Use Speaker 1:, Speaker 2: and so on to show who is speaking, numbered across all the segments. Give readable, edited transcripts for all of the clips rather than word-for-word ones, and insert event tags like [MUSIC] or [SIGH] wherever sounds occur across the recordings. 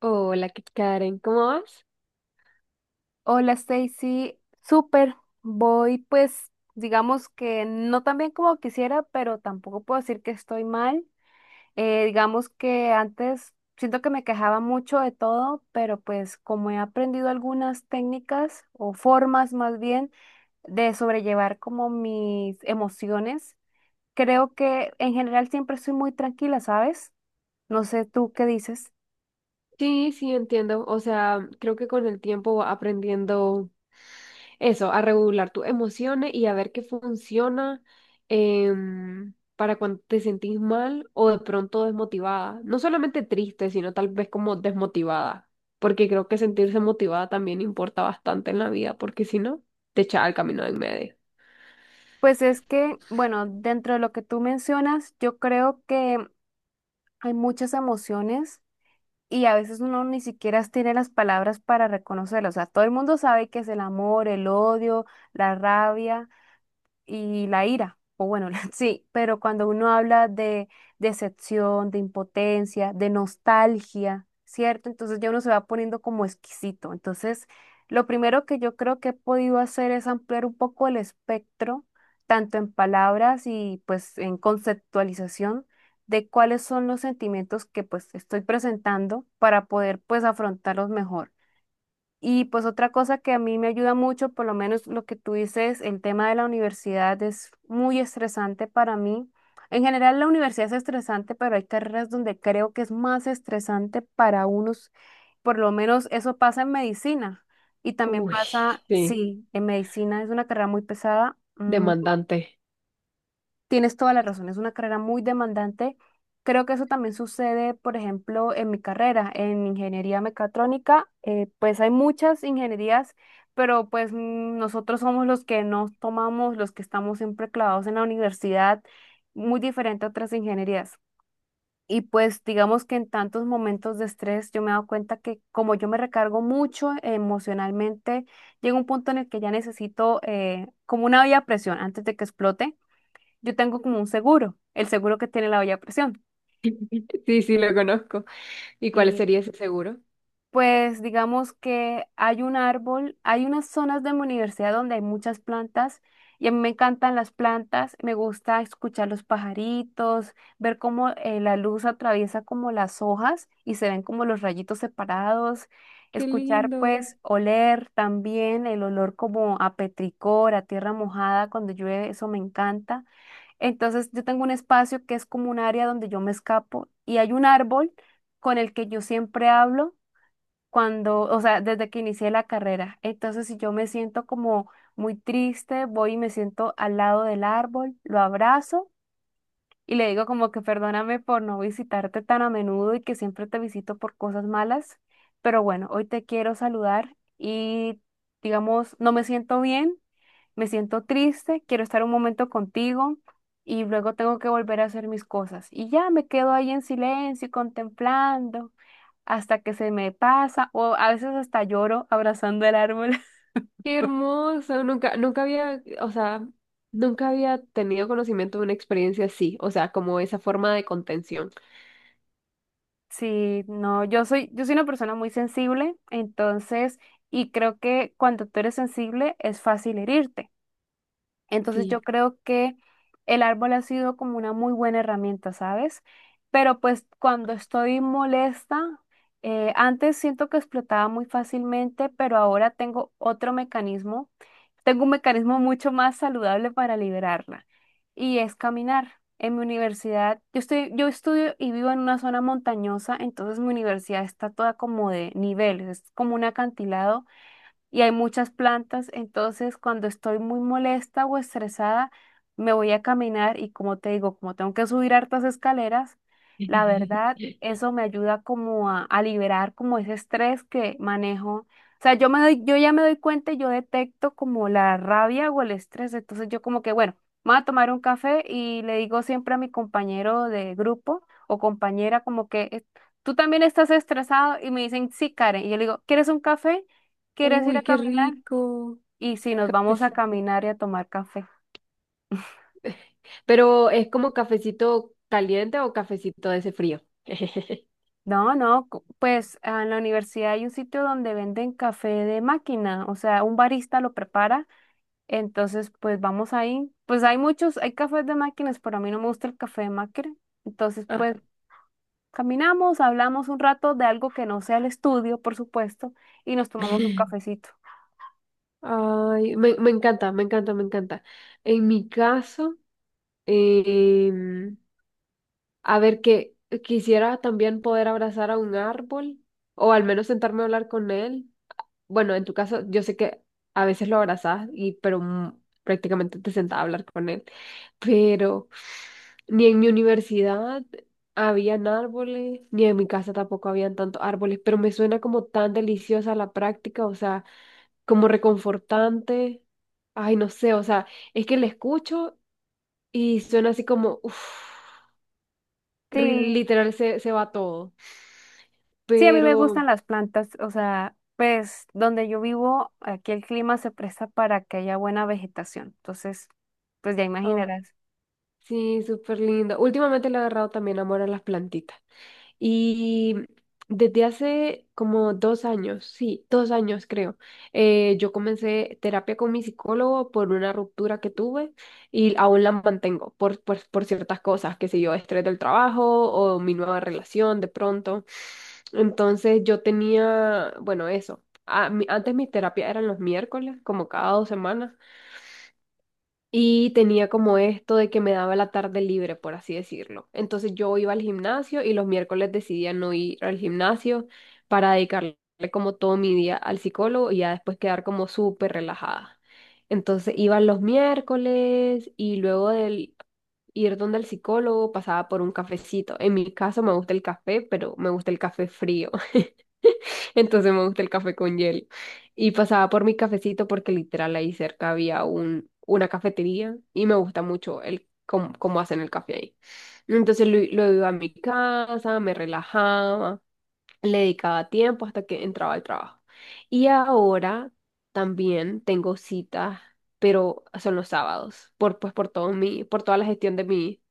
Speaker 1: Hola, Kit Karen, ¿cómo vas?
Speaker 2: Hola Stacy, súper. Voy, pues digamos que no tan bien como quisiera, pero tampoco puedo decir que estoy mal. Digamos que antes siento que me quejaba mucho de todo, pero pues como he aprendido algunas técnicas, o formas más bien de sobrellevar como mis emociones, creo que en general siempre estoy muy tranquila, ¿sabes? No sé tú qué dices.
Speaker 1: Sí, sí, entiendo. O sea, creo que con el tiempo va aprendiendo eso, a regular tus emociones y a ver qué funciona para cuando te sentís mal o de pronto desmotivada. No solamente triste, sino tal vez como desmotivada, porque creo que sentirse motivada también importa bastante en la vida, porque si no, te echa al camino de en medio.
Speaker 2: Pues es que, bueno, dentro de lo que tú mencionas, yo creo que hay muchas emociones y a veces uno ni siquiera tiene las palabras para reconocerlas. O sea, todo el mundo sabe qué es el amor, el odio, la rabia y la ira, o bueno, [LAUGHS] sí, pero cuando uno habla de decepción, de impotencia, de nostalgia, ¿cierto? Entonces ya uno se va poniendo como exquisito. Entonces, lo primero que yo creo que he podido hacer es ampliar un poco el espectro, tanto en palabras y pues en conceptualización de cuáles son los sentimientos que pues estoy presentando para poder pues afrontarlos mejor. Y pues otra cosa que a mí me ayuda mucho, por lo menos lo que tú dices, el tema de la universidad es muy estresante para mí. En general la universidad es estresante, pero hay carreras donde creo que es más estresante para unos. Por lo menos eso pasa en medicina. Y también
Speaker 1: Uy,
Speaker 2: pasa,
Speaker 1: sí,
Speaker 2: sí, en medicina es una carrera muy pesada.
Speaker 1: demandante.
Speaker 2: Tienes toda la razón, es una carrera muy demandante. Creo que eso también sucede, por ejemplo, en mi carrera, en ingeniería mecatrónica, pues hay muchas ingenierías, pero pues nosotros somos los que nos tomamos, los que estamos siempre clavados en la universidad, muy diferente a otras ingenierías. Y pues digamos que en tantos momentos de estrés yo me he dado cuenta que como yo me recargo mucho emocionalmente, llega un punto en el que ya necesito, como una vía a presión antes de que explote. Yo tengo como un seguro, el seguro que tiene la olla a presión.
Speaker 1: Sí, sí, lo conozco. ¿Y cuál
Speaker 2: Y
Speaker 1: sería ese seguro?
Speaker 2: pues digamos que hay un árbol, hay unas zonas de mi universidad donde hay muchas plantas y a mí me encantan las plantas, me gusta escuchar los pajaritos, ver cómo la luz atraviesa como las hojas y se ven como los rayitos separados,
Speaker 1: Qué
Speaker 2: escuchar,
Speaker 1: lindo.
Speaker 2: pues oler también el olor como a petricor, a tierra mojada cuando llueve, eso me encanta. Entonces yo tengo un espacio que es como un área donde yo me escapo y hay un árbol con el que yo siempre hablo cuando, o sea, desde que inicié la carrera. Entonces si yo me siento como muy triste, voy y me siento al lado del árbol, lo abrazo y le digo como que perdóname por no visitarte tan a menudo y que siempre te visito por cosas malas, pero bueno, hoy te quiero saludar y, digamos, no me siento bien, me siento triste, quiero estar un momento contigo y luego tengo que volver a hacer mis cosas. Y ya me quedo ahí en silencio y contemplando hasta que se me pasa, o a veces hasta lloro abrazando el árbol. [LAUGHS]
Speaker 1: Qué hermoso, nunca, nunca había, o sea, nunca había tenido conocimiento de una experiencia así, o sea, como esa forma de contención.
Speaker 2: Sí, no, yo soy una persona muy sensible, entonces, y creo que cuando tú eres sensible es fácil herirte. Entonces
Speaker 1: Sí.
Speaker 2: yo creo que el árbol ha sido como una muy buena herramienta, ¿sabes? Pero pues cuando estoy molesta, antes siento que explotaba muy fácilmente, pero ahora tengo otro mecanismo, tengo un mecanismo mucho más saludable para liberarla, y es caminar. En mi universidad, yo estudio y vivo en una zona montañosa, entonces mi universidad está toda como de niveles, es como un acantilado y hay muchas plantas, entonces cuando estoy muy molesta o estresada, me voy a caminar y, como te digo, como tengo que subir hartas escaleras, la
Speaker 1: [LAUGHS]
Speaker 2: verdad, eso me ayuda como a liberar como ese estrés que manejo. O sea, yo ya me doy cuenta, y yo detecto como la rabia o el estrés, entonces yo como que, bueno, me voy a tomar un café y le digo siempre a mi compañero de grupo o compañera como que: tú también estás estresado", y me dicen, sí, Karen, y yo le digo, ¿quieres un café? ¿Quieres ir a
Speaker 1: Uy, qué
Speaker 2: caminar?
Speaker 1: rico.
Speaker 2: Y si nos vamos a
Speaker 1: Cafeci-
Speaker 2: caminar y a tomar café.
Speaker 1: Pero es como cafecito caliente o cafecito de ese frío. [LAUGHS]
Speaker 2: No, no, pues ah, en la universidad hay un sitio donde venden café de máquina, o sea, un barista lo prepara, entonces pues vamos ahí. Pues hay muchos, hay cafés de máquinas, pero a mí no me gusta el café de máquina. Entonces
Speaker 1: Ah.
Speaker 2: pues caminamos, hablamos un rato de algo que no sea el estudio, por supuesto, y nos tomamos un cafecito.
Speaker 1: Ay, me encanta, me encanta, me encanta. En mi caso, em, a ver, que quisiera también poder abrazar a un árbol o al menos sentarme a hablar con él. Bueno, en tu caso, yo sé que a veces lo abrazás pero prácticamente te sentás a hablar con él. Pero ni en mi universidad habían árboles, ni en mi casa tampoco habían tantos árboles, pero me suena como tan deliciosa la práctica, o sea, como reconfortante. Ay, no sé, o sea, es que le escucho y suena así como, uff,
Speaker 2: Sí.
Speaker 1: literal se va todo.
Speaker 2: Sí, a mí me
Speaker 1: Pero,
Speaker 2: gustan las plantas, o sea, pues donde yo vivo, aquí el clima se presta para que haya buena vegetación. Entonces, pues ya
Speaker 1: ah,
Speaker 2: imaginarás.
Speaker 1: sí, súper lindo. Últimamente le he agarrado también amor a las plantitas. Y desde hace como dos años, sí, dos años creo, yo comencé terapia con mi psicólogo por una ruptura que tuve y aún la mantengo por ciertas cosas, que sé yo, estrés del trabajo o mi nueva relación de pronto. Entonces yo tenía, bueno, eso. Antes mis terapias eran los miércoles, como cada dos semanas. Y tenía como esto de que me daba la tarde libre, por así decirlo. Entonces yo iba al gimnasio y los miércoles decidía no ir al gimnasio para dedicarle como todo mi día al psicólogo y ya después quedar como súper relajada. Entonces iba los miércoles y luego del ir donde el psicólogo pasaba por un cafecito. En mi caso me gusta el café, pero me gusta el café frío. Entonces me gusta el café con hielo. Y pasaba por mi cafecito porque literal ahí cerca había una cafetería y me gusta mucho el cómo hacen el café ahí. Entonces lo iba a mi casa, me relajaba, le dedicaba tiempo hasta que entraba al trabajo. Y ahora también tengo citas, pero son los sábados, por, pues por todo mi, por toda la gestión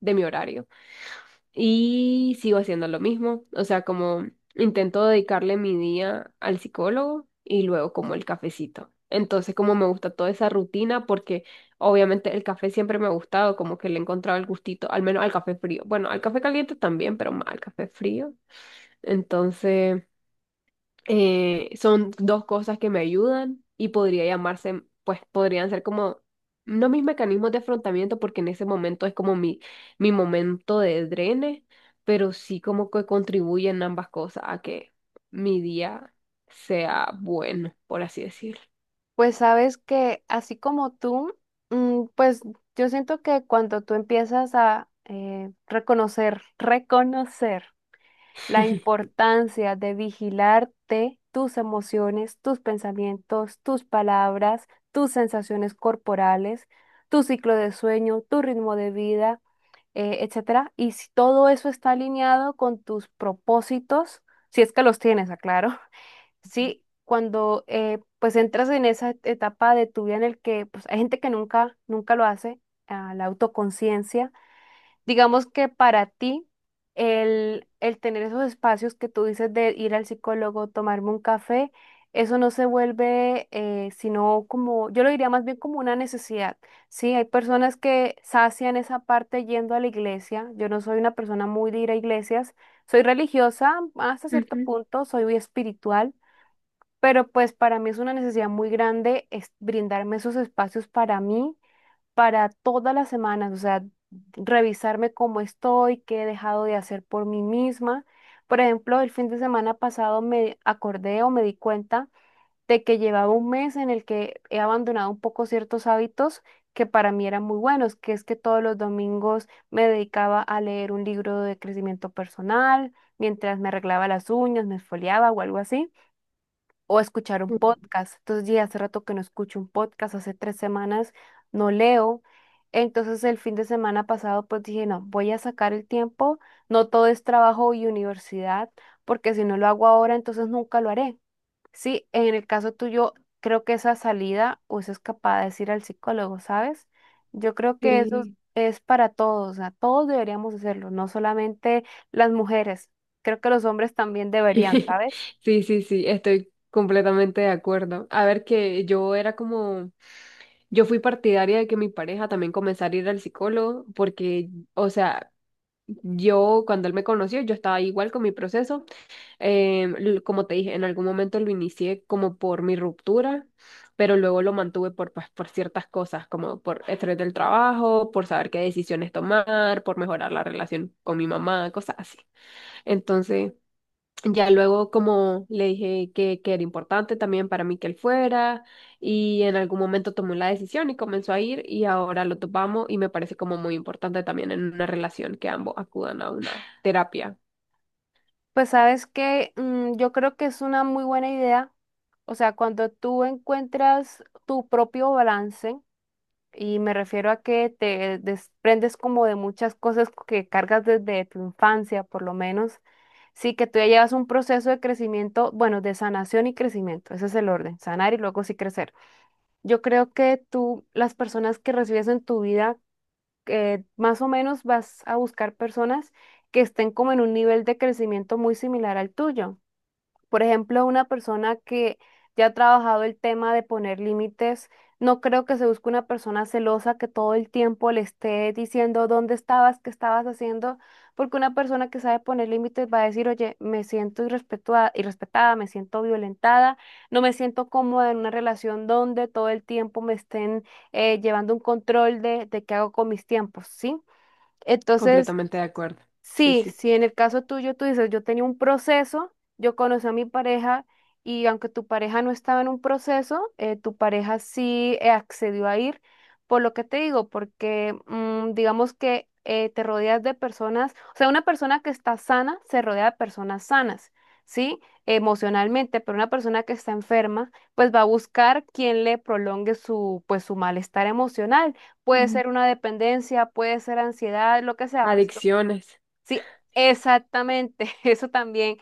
Speaker 1: de mi horario. Y sigo haciendo lo mismo, o sea, como intento dedicarle mi día al psicólogo y luego como el cafecito. Entonces, como me gusta toda esa rutina, porque obviamente el café siempre me ha gustado, como que le he encontrado el gustito, al menos al café frío. Bueno, al café caliente también, pero más al café frío. Entonces, son dos cosas que me ayudan y podría llamarse, pues podrían ser como, no mis mecanismos de afrontamiento, porque en ese momento es como mi momento de drene, pero sí como que contribuyen ambas cosas a que mi día sea bueno, por así decirlo.
Speaker 2: Pues sabes que así como tú, mm, pues yo siento que cuando tú empiezas a reconocer la importancia de vigilarte tus emociones, tus pensamientos, tus palabras, tus sensaciones corporales, tu ciclo de sueño, tu ritmo de vida, etcétera. Y si todo eso está alineado con tus propósitos, si es que los tienes, aclaro. [LAUGHS] Sí, cuando pues entras en esa etapa de tu vida en el que pues, hay gente que nunca, nunca lo hace, ah, la autoconciencia. Digamos que para ti, el tener esos espacios que tú dices de ir al psicólogo, tomarme un café, eso no se vuelve sino como, yo lo diría más bien como una necesidad, ¿sí? Hay personas que sacian esa parte yendo a la iglesia. Yo no soy una persona muy de ir a iglesias, soy religiosa hasta cierto
Speaker 1: Ujú.
Speaker 2: punto, soy muy espiritual, pero pues para mí es una necesidad muy grande, es brindarme esos espacios para mí para todas las semanas, o sea, revisarme cómo estoy, qué he dejado de hacer por mí misma. Por ejemplo, el fin de semana pasado me acordé o me di cuenta de que llevaba un mes en el que he abandonado un poco ciertos hábitos que para mí eran muy buenos, que es que todos los domingos me dedicaba a leer un libro de crecimiento personal, mientras me arreglaba las uñas, me esfoliaba o algo así, o escuchar un podcast. Entonces, ya hace rato que no escucho un podcast, hace tres semanas no leo. Entonces, el fin de semana pasado, pues dije, no, voy a sacar el tiempo, no todo es trabajo y universidad, porque si no lo hago ahora, entonces nunca lo haré. Sí, en el caso tuyo, creo que esa salida o esa escapada es ir al psicólogo, ¿sabes? Yo creo que eso
Speaker 1: Sí.
Speaker 2: es para todos, o sea, todos deberíamos hacerlo, no solamente las mujeres, creo que los hombres también deberían,
Speaker 1: [LAUGHS]
Speaker 2: ¿sabes?
Speaker 1: Sí, sí, sí, estoy completamente de acuerdo. A ver que yo era como... Yo fui partidaria de que mi pareja también comenzara a ir al psicólogo porque, o sea, yo cuando él me conoció, yo estaba igual con mi proceso. Como te dije, en algún momento lo inicié como por mi ruptura, pero luego lo mantuve por, pues, por ciertas cosas, como por estrés del trabajo, por saber qué decisiones tomar, por mejorar la relación con mi mamá, cosas así. Entonces... Ya luego como le dije que era importante también para mí que él fuera y en algún momento tomó la decisión y comenzó a ir y ahora lo topamos y me parece como muy importante también en una relación que ambos acudan a una terapia.
Speaker 2: Pues sabes que yo creo que es una muy buena idea. O sea, cuando tú encuentras tu propio balance, y me refiero a que te desprendes como de muchas cosas que cargas desde tu infancia, por lo menos, sí que tú ya llevas un proceso de crecimiento, bueno, de sanación y crecimiento, ese es el orden, sanar y luego sí crecer. Yo creo que tú, las personas que recibes en tu vida, más o menos vas a buscar personas que estén como en un nivel de crecimiento muy similar al tuyo. Por ejemplo, una persona que ya ha trabajado el tema de poner límites, no creo que se busque una persona celosa que todo el tiempo le esté diciendo dónde estabas, qué estabas haciendo, porque una persona que sabe poner límites va a decir, oye, me siento irrespetada, me siento violentada, no me siento cómoda en una relación donde todo el tiempo me estén llevando un control de qué hago con mis tiempos, ¿sí? Entonces,
Speaker 1: Completamente de acuerdo. Sí,
Speaker 2: sí,
Speaker 1: sí.
Speaker 2: si en el caso tuyo tú dices, yo tenía un proceso, yo conocí a mi pareja y aunque tu pareja no estaba en un proceso, tu pareja sí accedió a ir, por lo que te digo, porque mm, digamos que te rodeas de personas, o sea, una persona que está sana se rodea de personas sanas, ¿sí? Emocionalmente, pero una persona que está enferma, pues va a buscar quien le prolongue su, pues, su malestar emocional. Puede
Speaker 1: Mm.
Speaker 2: ser una dependencia, puede ser ansiedad, lo que sea, pues
Speaker 1: Adicciones.
Speaker 2: sí, exactamente, [LAUGHS] eso también.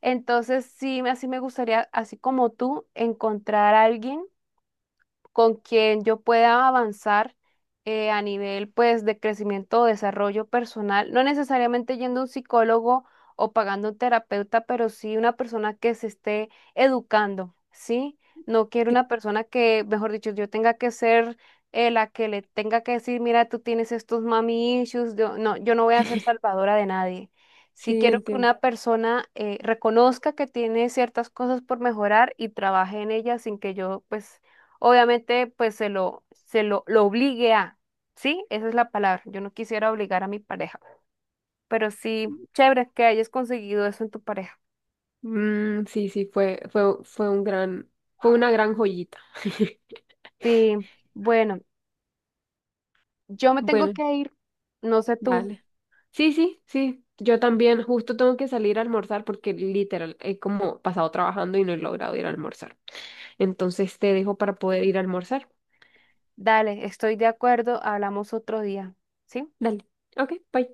Speaker 2: Entonces, sí, así me gustaría, así como tú, encontrar a alguien con quien yo pueda avanzar, a nivel pues de crecimiento o desarrollo personal, no necesariamente yendo a un psicólogo o pagando un terapeuta, pero sí una persona que se esté educando, ¿sí? No quiero
Speaker 1: Sí,
Speaker 2: una persona que, mejor dicho, yo tenga que ser la que le tenga que decir, mira, tú tienes estos mami issues, yo, no, yo no voy a ser salvadora de nadie. Sí
Speaker 1: sí,
Speaker 2: quiero que
Speaker 1: entiendo.
Speaker 2: una persona reconozca que tiene ciertas cosas por mejorar y trabaje en ellas sin que yo pues obviamente, pues lo obligue a, ¿sí? Esa es la palabra. Yo no quisiera obligar a mi pareja, pero sí, chévere que hayas conseguido eso en tu pareja.
Speaker 1: Mm, sí, sí, fue un gran, fue una gran joyita. [LAUGHS]
Speaker 2: Sí, bueno, yo me tengo
Speaker 1: Bueno.
Speaker 2: que ir, no sé tú,
Speaker 1: Vale. Sí, sí, sí. Yo también justo tengo que salir a almorzar porque literal he como pasado trabajando y no he logrado ir a almorzar. Entonces te dejo para poder ir a almorzar.
Speaker 2: dale, estoy de acuerdo, hablamos otro día, ¿sí?
Speaker 1: Dale. Ok, bye.